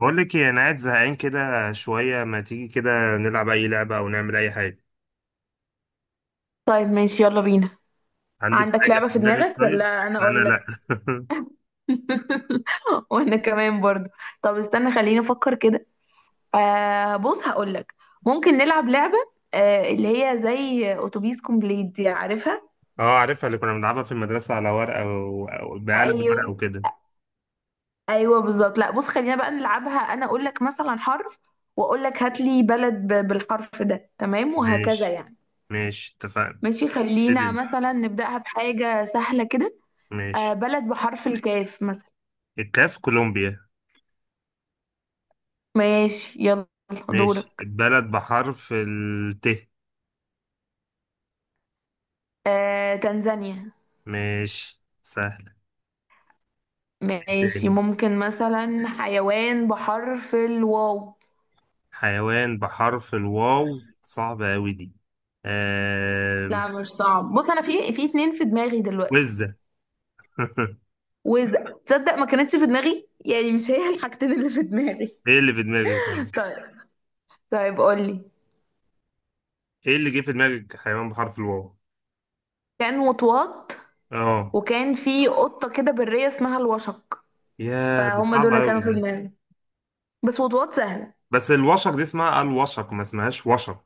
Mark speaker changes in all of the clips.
Speaker 1: بقول لك ايه؟ انا قاعد زهقان كده شويه، ما تيجي كده نلعب اي لعبه او نعمل اي حاجه؟
Speaker 2: طيب ماشي يلا بينا.
Speaker 1: عندك
Speaker 2: عندك
Speaker 1: حاجه
Speaker 2: لعبة
Speaker 1: في
Speaker 2: في
Speaker 1: دماغك
Speaker 2: دماغك
Speaker 1: طيب؟
Speaker 2: ولا أنا
Speaker 1: انا
Speaker 2: أقول
Speaker 1: لا.
Speaker 2: لك؟ وأنا كمان برضو. طب استنى خليني أفكر كده. آه بص هقول لك. ممكن نلعب لعبة. آه اللي هي زي أتوبيس كومبليت دي، عارفها؟
Speaker 1: اه، عارفها، اللي كنا بنلعبها في المدرسه على ورقه او بقلم ورقه
Speaker 2: ايوه.
Speaker 1: وكده.
Speaker 2: أيوه بالظبط، لا بص خلينا بقى نلعبها. أنا أقول لك مثلا حرف، وأقول لك هات لي بلد بالحرف ده، تمام، وهكذا
Speaker 1: ماشي.
Speaker 2: يعني.
Speaker 1: ماشي، اتفقنا.
Speaker 2: ماشي،
Speaker 1: ابتدي
Speaker 2: خلينا
Speaker 1: انت.
Speaker 2: مثلا نبدأها بحاجة سهلة كده. آه
Speaker 1: ماشي.
Speaker 2: بلد بحرف الكاف مثلا.
Speaker 1: الكاف، كولومبيا.
Speaker 2: ماشي يلا.
Speaker 1: ماشي.
Speaker 2: دورك.
Speaker 1: البلد بحرف الت.
Speaker 2: تنزانيا.
Speaker 1: ماشي، سهل.
Speaker 2: ماشي
Speaker 1: تاني.
Speaker 2: ممكن مثلا حيوان بحرف الواو.
Speaker 1: حيوان بحرف الواو صعبة أوي دي. آه...
Speaker 2: لا مش صعب، بص انا في اتنين في دماغي دلوقتي.
Speaker 1: وزة.
Speaker 2: وتصدق ما كانتش في دماغي يعني، مش هي الحاجتين اللي في دماغي.
Speaker 1: ايه اللي في دماغك طيب؟
Speaker 2: طيب. طيب قولي.
Speaker 1: ايه اللي جه في دماغك حيوان بحرف الواو؟
Speaker 2: كان وطواط.
Speaker 1: اه.
Speaker 2: وكان في قطة كده برية اسمها الوشق.
Speaker 1: يا دي
Speaker 2: فهم دول
Speaker 1: صعبة
Speaker 2: اللي
Speaker 1: أوي
Speaker 2: كانوا في
Speaker 1: دي.
Speaker 2: دماغي. بس وطواط سهلة.
Speaker 1: بس الوشق دي اسمها الوشق، ما اسمهاش وشق.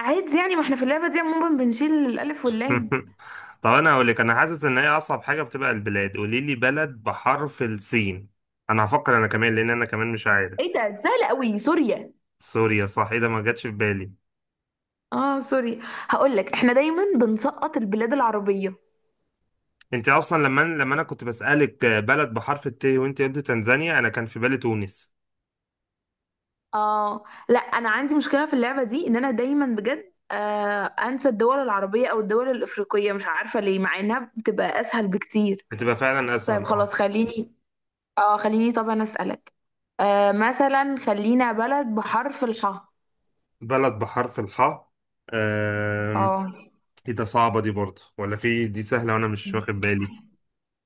Speaker 2: عادي يعني، ما احنا في اللعبة دي عموما بنشيل الألف واللام.
Speaker 1: طب انا هقول لك، انا حاسس ان هي اصعب حاجة بتبقى البلاد. قولي لي بلد بحرف السين. انا هفكر انا كمان، لان انا كمان مش
Speaker 2: ايه
Speaker 1: عارف.
Speaker 2: ده؟ سهلة قوي. سوريا.
Speaker 1: سوريا، صح. ايه ده، ما جاتش في بالي.
Speaker 2: اه سوري. هقول لك احنا دايما بنسقط البلاد العربية.
Speaker 1: انت اصلا لما انا كنت بسألك بلد بحرف الت وانت قلت تنزانيا، انا كان في بالي تونس.
Speaker 2: اه لا انا عندي مشكلة في اللعبة دي، ان انا دايما بجد انسى الدول العربية او الدول الافريقية، مش عارفة ليه، مع انها بتبقى اسهل بكتير.
Speaker 1: هتبقى فعلا
Speaker 2: طيب
Speaker 1: اسهل،
Speaker 2: خلاص
Speaker 1: اه.
Speaker 2: خليني. اه خليني طبعا اسألك. آه مثلا خلينا بلد بحرف الحاء.
Speaker 1: بلد بحرف الحاء.
Speaker 2: اه.
Speaker 1: ايه ده، صعبة دي برضه ولا في دي سهلة وانا مش واخد بالي؟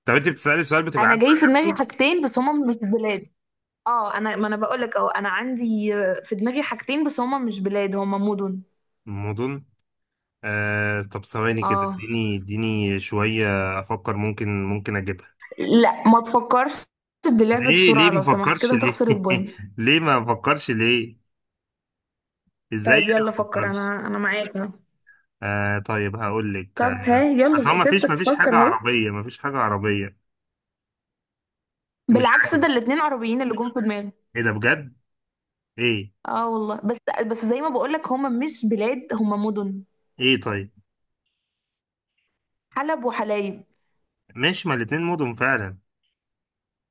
Speaker 1: طب انت بتسألي سؤال بتبقى
Speaker 2: انا
Speaker 1: عارفة
Speaker 2: جاي في دماغي
Speaker 1: اجابته؟
Speaker 2: حاجتين بس هما مش بلاد. اه انا، ما انا بقول لك، اه انا عندي في دماغي حاجتين بس هما مش بلاد، هما مدن.
Speaker 1: الموضوع. آه، طب ثواني كده،
Speaker 2: اه
Speaker 1: اديني شوية افكر، ممكن اجيبها.
Speaker 2: لا ما تفكرش. تدي
Speaker 1: ليه
Speaker 2: بسرعة
Speaker 1: ما
Speaker 2: لو سمحت
Speaker 1: فكرش
Speaker 2: كده
Speaker 1: ليه؟
Speaker 2: هتخسر البوينت.
Speaker 1: ليه ما فكرش ليه؟ ازاي
Speaker 2: طيب
Speaker 1: انا
Speaker 2: يلا
Speaker 1: ما
Speaker 2: فكر،
Speaker 1: فكرش؟
Speaker 2: انا معاك اهو.
Speaker 1: آه، طيب هقول لك
Speaker 2: طب ها
Speaker 1: بس هو
Speaker 2: يلا،
Speaker 1: ما فيش
Speaker 2: تفتك
Speaker 1: ما فيش حاجة
Speaker 2: تفكر اهو.
Speaker 1: عربية، ما فيش حاجة عربية. مش
Speaker 2: بالعكس،
Speaker 1: عارف.
Speaker 2: ده الاتنين عربيين اللي جم في دماغي.
Speaker 1: ايه ده بجد؟ ايه؟
Speaker 2: اه والله، بس زي ما بقولك هما مش بلاد، هما مدن.
Speaker 1: ايه طيب.
Speaker 2: حلب وحلايب.
Speaker 1: ماشي، ما الاتنين مدن فعلا.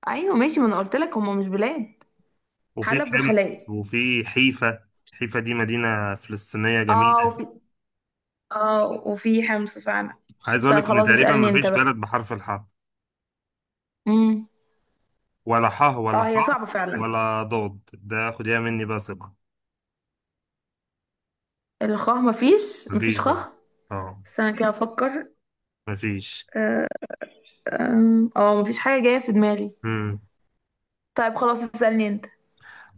Speaker 2: ايوه ماشي، ما انا قلت لك هما مش بلاد.
Speaker 1: وفي
Speaker 2: حلب
Speaker 1: حمص
Speaker 2: وحلايب.
Speaker 1: وفي حيفا. حيفا دي مدينة فلسطينية
Speaker 2: اه
Speaker 1: جميلة.
Speaker 2: وفي اه وفي حمص فعلا.
Speaker 1: عايز
Speaker 2: طب
Speaker 1: أقولك إن
Speaker 2: خلاص
Speaker 1: تقريبا
Speaker 2: اسألني انت
Speaker 1: مفيش بلد
Speaker 2: بقى.
Speaker 1: بحرف الحاء،
Speaker 2: امم
Speaker 1: ولا حاء ولا
Speaker 2: اه هي
Speaker 1: خاء
Speaker 2: صعبة فعلا.
Speaker 1: ولا ضاد. ده خديها مني بقى ثقة.
Speaker 2: الخاه مفيش
Speaker 1: مفيش
Speaker 2: مفيش
Speaker 1: برضه.
Speaker 2: خاه.
Speaker 1: اه.
Speaker 2: استنى كده افكر.
Speaker 1: مفيش.
Speaker 2: آه، أم، اه مفيش حاجة جاية في دماغي.
Speaker 1: مم.
Speaker 2: طيب خلاص اسألني انت.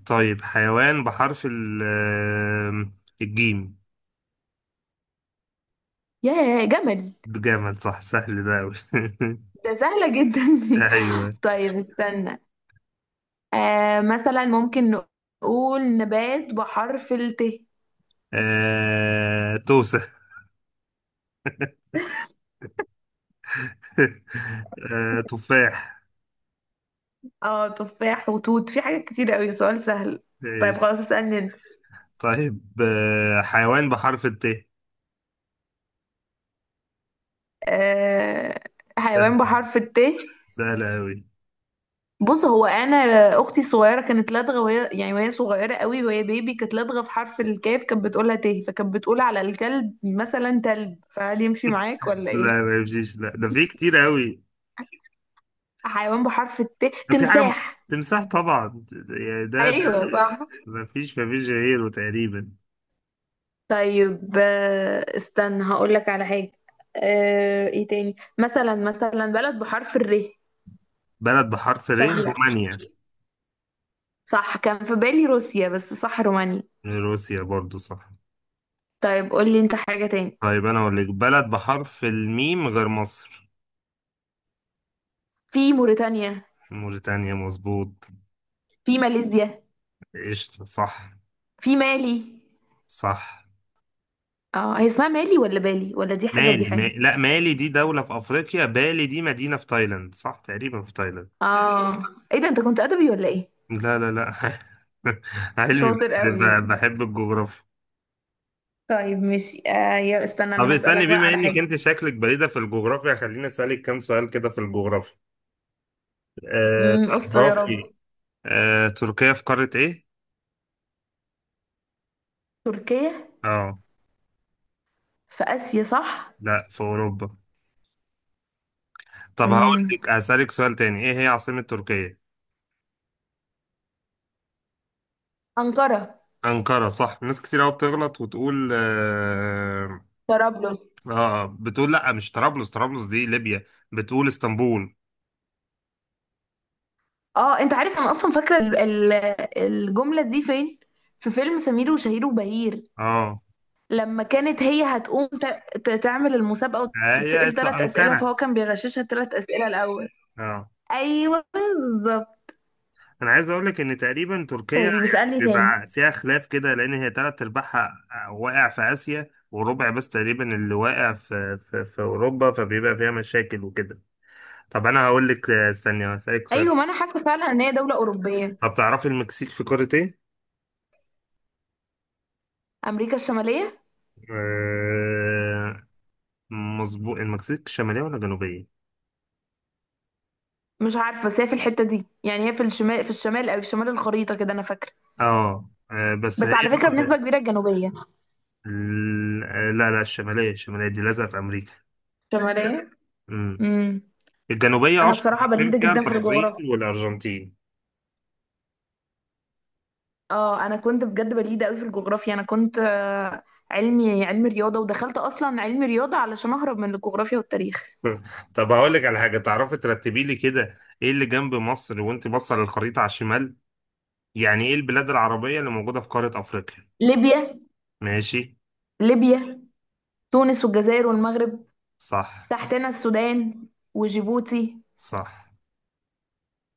Speaker 1: طيب، حيوان بحرف ال، الجيم.
Speaker 2: ياه جمل.
Speaker 1: ده جامد، صح، سهل ده أوي.
Speaker 2: ده سهلة جدا. دي
Speaker 1: أيوه.
Speaker 2: طيب استنى. آه مثلا ممكن نقول نبات بحرف الت.
Speaker 1: توسة. تفاح.
Speaker 2: اه تفاح وتوت، في حاجات كتير قوي، سؤال سهل. طيب
Speaker 1: ماشي.
Speaker 2: خلاص اسألني انت.
Speaker 1: طيب، حيوان بحرف الت.
Speaker 2: آه حيوان بحرف الت.
Speaker 1: سهلة أوي.
Speaker 2: بص هو انا. اختي الصغيره كانت لدغه وهي صغيره قوي وهي بيبي، كانت لدغه في حرف الكاف، كانت بتقولها ت، فكانت بتقول على الكلب مثلا تلب، فهل يمشي معاك ولا
Speaker 1: لا
Speaker 2: ايه؟
Speaker 1: ما يمشيش، لا، ده في كتير أوي.
Speaker 2: حيوان بحرف الت،
Speaker 1: في حاجة م-
Speaker 2: تمساح.
Speaker 1: تمساح طبعا، يعني ده.
Speaker 2: ايوه صح.
Speaker 1: ما فيش غيره تقريبا.
Speaker 2: طيب استنى هقول لك على حاجة. ايه تاني مثلا بلد بحرف الر.
Speaker 1: بلد بحرف ر.
Speaker 2: سهلة.
Speaker 1: رومانيا.
Speaker 2: صح كان في بالي روسيا، بس صح رومانيا.
Speaker 1: روسيا برضو صح.
Speaker 2: طيب قول لي انت حاجة تاني.
Speaker 1: طيب أنا أقول لك بلد بحرف الميم غير مصر.
Speaker 2: في موريتانيا.
Speaker 1: موريتانيا، مظبوط.
Speaker 2: في ماليزيا.
Speaker 1: قشطة، صح.
Speaker 2: في مالي.
Speaker 1: صح.
Speaker 2: اه، هي اسمها مالي ولا بالي؟ ولا دي حاجة ودي
Speaker 1: مالي ما...
Speaker 2: حاجة؟
Speaker 1: لا، مالي دي دولة في أفريقيا، بالي دي مدينة في تايلاند، صح تقريبا في تايلاند.
Speaker 2: اه ايه ده، انت كنت ادبي ولا ايه؟
Speaker 1: لا لا لا. علمي، بس
Speaker 2: شاطر قوي يعني.
Speaker 1: بحب الجغرافيا.
Speaker 2: طيب ماشي آه يا استنى،
Speaker 1: طب
Speaker 2: انا
Speaker 1: استني،
Speaker 2: هسألك بقى
Speaker 1: بما
Speaker 2: على
Speaker 1: انك
Speaker 2: حاجة.
Speaker 1: انت شكلك بليدة في الجغرافيا، خليني اسالك كام سؤال كده في الجغرافيا. أه.
Speaker 2: استر يا رب.
Speaker 1: تعرفي، أه، تركيا في قارة ايه؟
Speaker 2: تركيا
Speaker 1: اه.
Speaker 2: في آسيا، صح؟
Speaker 1: لا، في اوروبا. طب هقول
Speaker 2: امم
Speaker 1: لك اسالك سؤال تاني، ايه هي عاصمة تركيا؟
Speaker 2: أنقرة.
Speaker 1: أنقرة، صح. ناس كتير قوي بتغلط وتقول
Speaker 2: طرابلس.
Speaker 1: اه، بتقول لا مش طرابلس، طرابلس دي ليبيا. بتقول اسطنبول.
Speaker 2: اه انت عارف، انا اصلا فاكره الجمله دي فين، في فيلم سمير وشهير وبهير،
Speaker 1: اه،
Speaker 2: لما كانت هي هتقوم تعمل المسابقه
Speaker 1: هي
Speaker 2: وتتسأل ثلاث اسئله،
Speaker 1: أنقرة.
Speaker 2: فهو كان بيغششها الثلاث اسئله الاول.
Speaker 1: اه.
Speaker 2: ايوه بالظبط.
Speaker 1: انا عايز اقول لك ان تقريبا تركيا
Speaker 2: طيب
Speaker 1: يعني
Speaker 2: اسألني تاني.
Speaker 1: بيبقى فيها خلاف كده، لان هي تلات ارباعها واقع في اسيا، وربع بس تقريبا اللي واقع في اوروبا، فبيبقى فيها مشاكل وكده. طب انا هقول لك، استني هسألك سؤال.
Speaker 2: ايوه ما انا حاسه فعلا ان هي دوله اوروبيه.
Speaker 1: طب تعرفي المكسيك في قارة ايه؟
Speaker 2: امريكا الشماليه.
Speaker 1: آه، مظبوط. المكسيك شمالية ولا جنوبية؟
Speaker 2: مش عارفه بس هي في الحته دي، يعني هي في الشمال، او في شمال الخريطه كده انا فاكره.
Speaker 1: اه. بس هي
Speaker 2: بس على فكره
Speaker 1: نقطة.
Speaker 2: بنسبه كبيره الجنوبيه.
Speaker 1: لا لا، الشمالية، الشمالية دي لازقة في امريكا.
Speaker 2: شمالية.
Speaker 1: امم
Speaker 2: امم.
Speaker 1: الجنوبية
Speaker 2: انا
Speaker 1: اشهر
Speaker 2: بصراحة
Speaker 1: حاجتين
Speaker 2: بليدة
Speaker 1: فيها
Speaker 2: جدا في
Speaker 1: البرازيل
Speaker 2: الجغرافيا.
Speaker 1: والارجنتين.
Speaker 2: اه انا كنت بجد بليدة قوي في الجغرافيا، انا كنت علمي رياضة، ودخلت اصلا علمي رياضة علشان اهرب من الجغرافيا والتاريخ.
Speaker 1: طب هقول لك على حاجه، تعرفي ترتبي لي كده ايه اللي جنب مصر وانت باصه للخريطه على الشمال؟ يعني ايه البلاد العربيه اللي موجوده في قاره افريقيا؟
Speaker 2: ليبيا.
Speaker 1: ماشي.
Speaker 2: ليبيا. تونس والجزائر والمغرب.
Speaker 1: صح.
Speaker 2: تحتنا السودان. وجيبوتي.
Speaker 1: صح.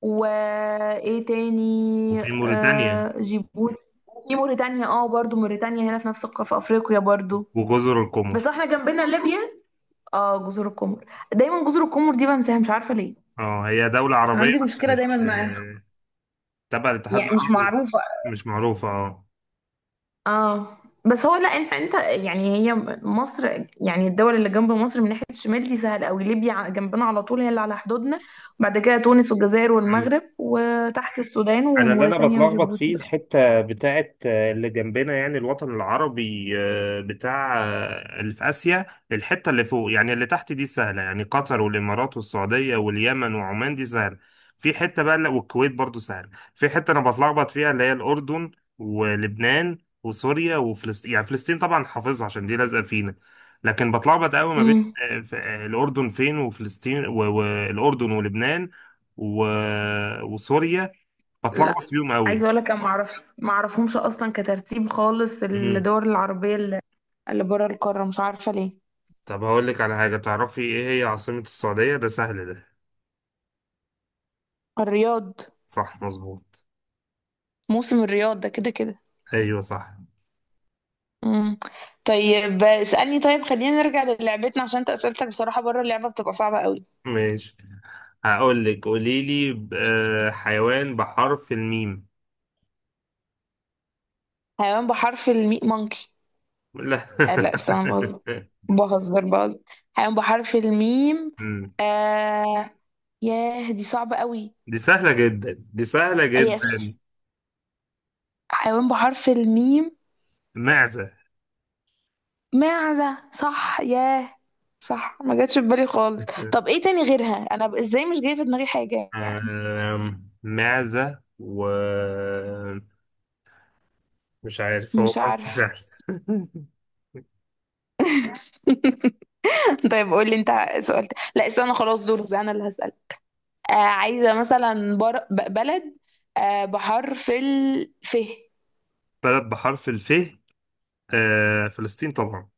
Speaker 2: وايه تاني،
Speaker 1: وفي موريتانيا.
Speaker 2: جيبوتي. في موريتانيا. اه برضو، موريتانيا هنا في نفس في افريقيا برضو.
Speaker 1: وجزر القمر.
Speaker 2: بس احنا جنبنا ليبيا. اه جزر القمر. دايما جزر القمر دي بنساها، مش عارفة ليه.
Speaker 1: اه هي دوله عربيه
Speaker 2: عندي
Speaker 1: بس
Speaker 2: مشكلة
Speaker 1: مش
Speaker 2: دايما معاه.
Speaker 1: تبع الاتحاد
Speaker 2: يعني مش
Speaker 1: العربي.
Speaker 2: معروفة.
Speaker 1: مش معروفه، اه.
Speaker 2: اه. بس هو، لا انت. يعني هي. مصر، يعني الدول اللي جنب مصر من ناحية الشمال دي سهل قوي، ليبيا جنبنا على طول هي اللي على حدودنا. وبعد كده تونس والجزائر والمغرب، وتحت السودان
Speaker 1: انا اللي انا
Speaker 2: وموريتانيا
Speaker 1: بتلخبط
Speaker 2: وجيبوتي
Speaker 1: فيه
Speaker 2: بقى.
Speaker 1: الحته بتاعت اللي جنبنا، يعني الوطن العربي بتاع اللي في اسيا. الحته اللي فوق، يعني اللي تحت دي سهله، يعني قطر والامارات والسعوديه واليمن وعمان، دي سهله. في حته بقى والكويت برضو سهله. في حته انا بتلخبط فيها، اللي هي الاردن ولبنان وسوريا وفلسطين. يعني فلسطين طبعا حافظها عشان دي لازقه فينا. لكن بتلخبط قوي ما بين
Speaker 2: امم.
Speaker 1: الاردن فين وفلسطين والاردن ولبنان و- وسوريا.
Speaker 2: لا
Speaker 1: بتلخبط فيهم
Speaker 2: عايزة
Speaker 1: قوي.
Speaker 2: اقول لك انا ما اعرف. ما اعرفهمش اصلا كترتيب خالص
Speaker 1: امم
Speaker 2: الدول العربية اللي بره القارة، مش عارفة ليه.
Speaker 1: طب هقول لك على حاجة، تعرفي ايه هي عاصمة السعودية؟ ده سهل ده.
Speaker 2: الرياض.
Speaker 1: صح، مظبوط.
Speaker 2: موسم الرياض ده كده كده.
Speaker 1: ايوه صح.
Speaker 2: مم. طيب اسألني، طيب خلينا نرجع للعبتنا عشان انت اسئلتك بصراحة بره اللعبة بتبقى صعبة قوي.
Speaker 1: ماشي. هقول لك قولي لي حيوان بحرف الميم.
Speaker 2: حيوان بحرف الميم، مونكي.
Speaker 1: لا.
Speaker 2: آه لا استنى بقول، بهزر بقى. حيوان بحرف الميم.
Speaker 1: أمم.
Speaker 2: آه ياه دي صعبة قوي.
Speaker 1: دي سهلة جدا، دي سهلة
Speaker 2: هي.
Speaker 1: جدا.
Speaker 2: حيوان بحرف الميم.
Speaker 1: معزة.
Speaker 2: معزة، صح ياه. صح ما جاتش في بالي خالص. طب ايه تاني غيرها، انا ازاي مش جايه في دماغي حاجة يعني.
Speaker 1: معزة و، مش عارف، هو
Speaker 2: مش
Speaker 1: ممكن
Speaker 2: عارفة.
Speaker 1: سهل.
Speaker 2: طيب قول لي انت. سؤال لا استنى خلاص، دورك انا اللي هسأل. آه عايزة مثلا بلد بحرف الف.
Speaker 1: بلد بحرف الف. آه، فلسطين طبعا.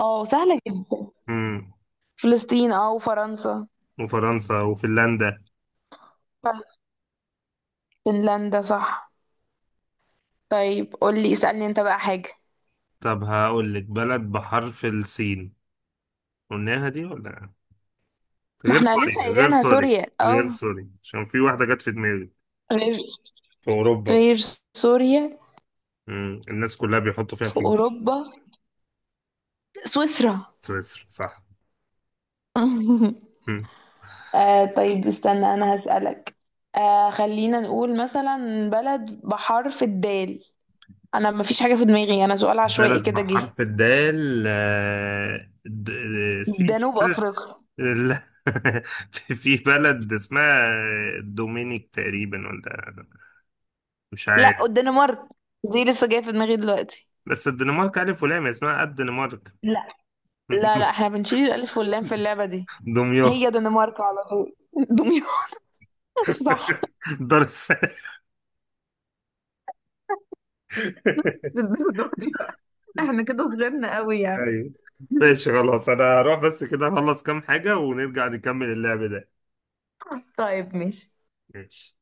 Speaker 2: اه سهلة جدا.
Speaker 1: مم.
Speaker 2: فلسطين اه وفرنسا.
Speaker 1: وفرنسا وفنلندا.
Speaker 2: صح. فنلندا صح. طيب قولي اسألني انت بقى حاجة.
Speaker 1: طب هقول لك بلد بحرف السين. قلناها دي ولا؟
Speaker 2: ما
Speaker 1: غير
Speaker 2: احنا لسه
Speaker 1: سوريا، غير
Speaker 2: قايلينها
Speaker 1: سوريا،
Speaker 2: سوريا
Speaker 1: غير
Speaker 2: اه.
Speaker 1: سوريا عشان في واحدة جت في دماغي،
Speaker 2: غير
Speaker 1: في أوروبا.
Speaker 2: غير سوريا.
Speaker 1: الناس كلها بيحطوا فيها
Speaker 2: في
Speaker 1: فلوس.
Speaker 2: أوروبا. سويسرا.
Speaker 1: سويسرا، صح. مم.
Speaker 2: طيب استنى أنا هسألك. خلينا نقول مثلا بلد بحرف الدال. أنا مفيش حاجة في دماغي، أنا سؤال عشوائي
Speaker 1: بلد
Speaker 2: كده جه.
Speaker 1: بحرف الدال. في
Speaker 2: جنوب
Speaker 1: بلد.
Speaker 2: أفريقيا.
Speaker 1: لا. في بلد اسمها دومينيك تقريبا، ولا مش
Speaker 2: لا
Speaker 1: عارف.
Speaker 2: الدنمارك. دي لسه جايه في دماغي دلوقتي.
Speaker 1: بس الدنمارك ألف ولام، اسمها الدنمارك.
Speaker 2: لا لا لا احنا بنشيل الالف واللام في اللعبه دي.
Speaker 1: دمياط.
Speaker 2: هي دنمارك على طول دمياط صح.
Speaker 1: دار السلام.
Speaker 2: الدرجة دي بقى. احنا كده صغيرنا قوي يعني.
Speaker 1: ايوه ماشي، خلاص، انا هروح بس كده اخلص كام حاجة ونرجع نكمل اللعب ده.
Speaker 2: طيب ماشي.
Speaker 1: ماشي.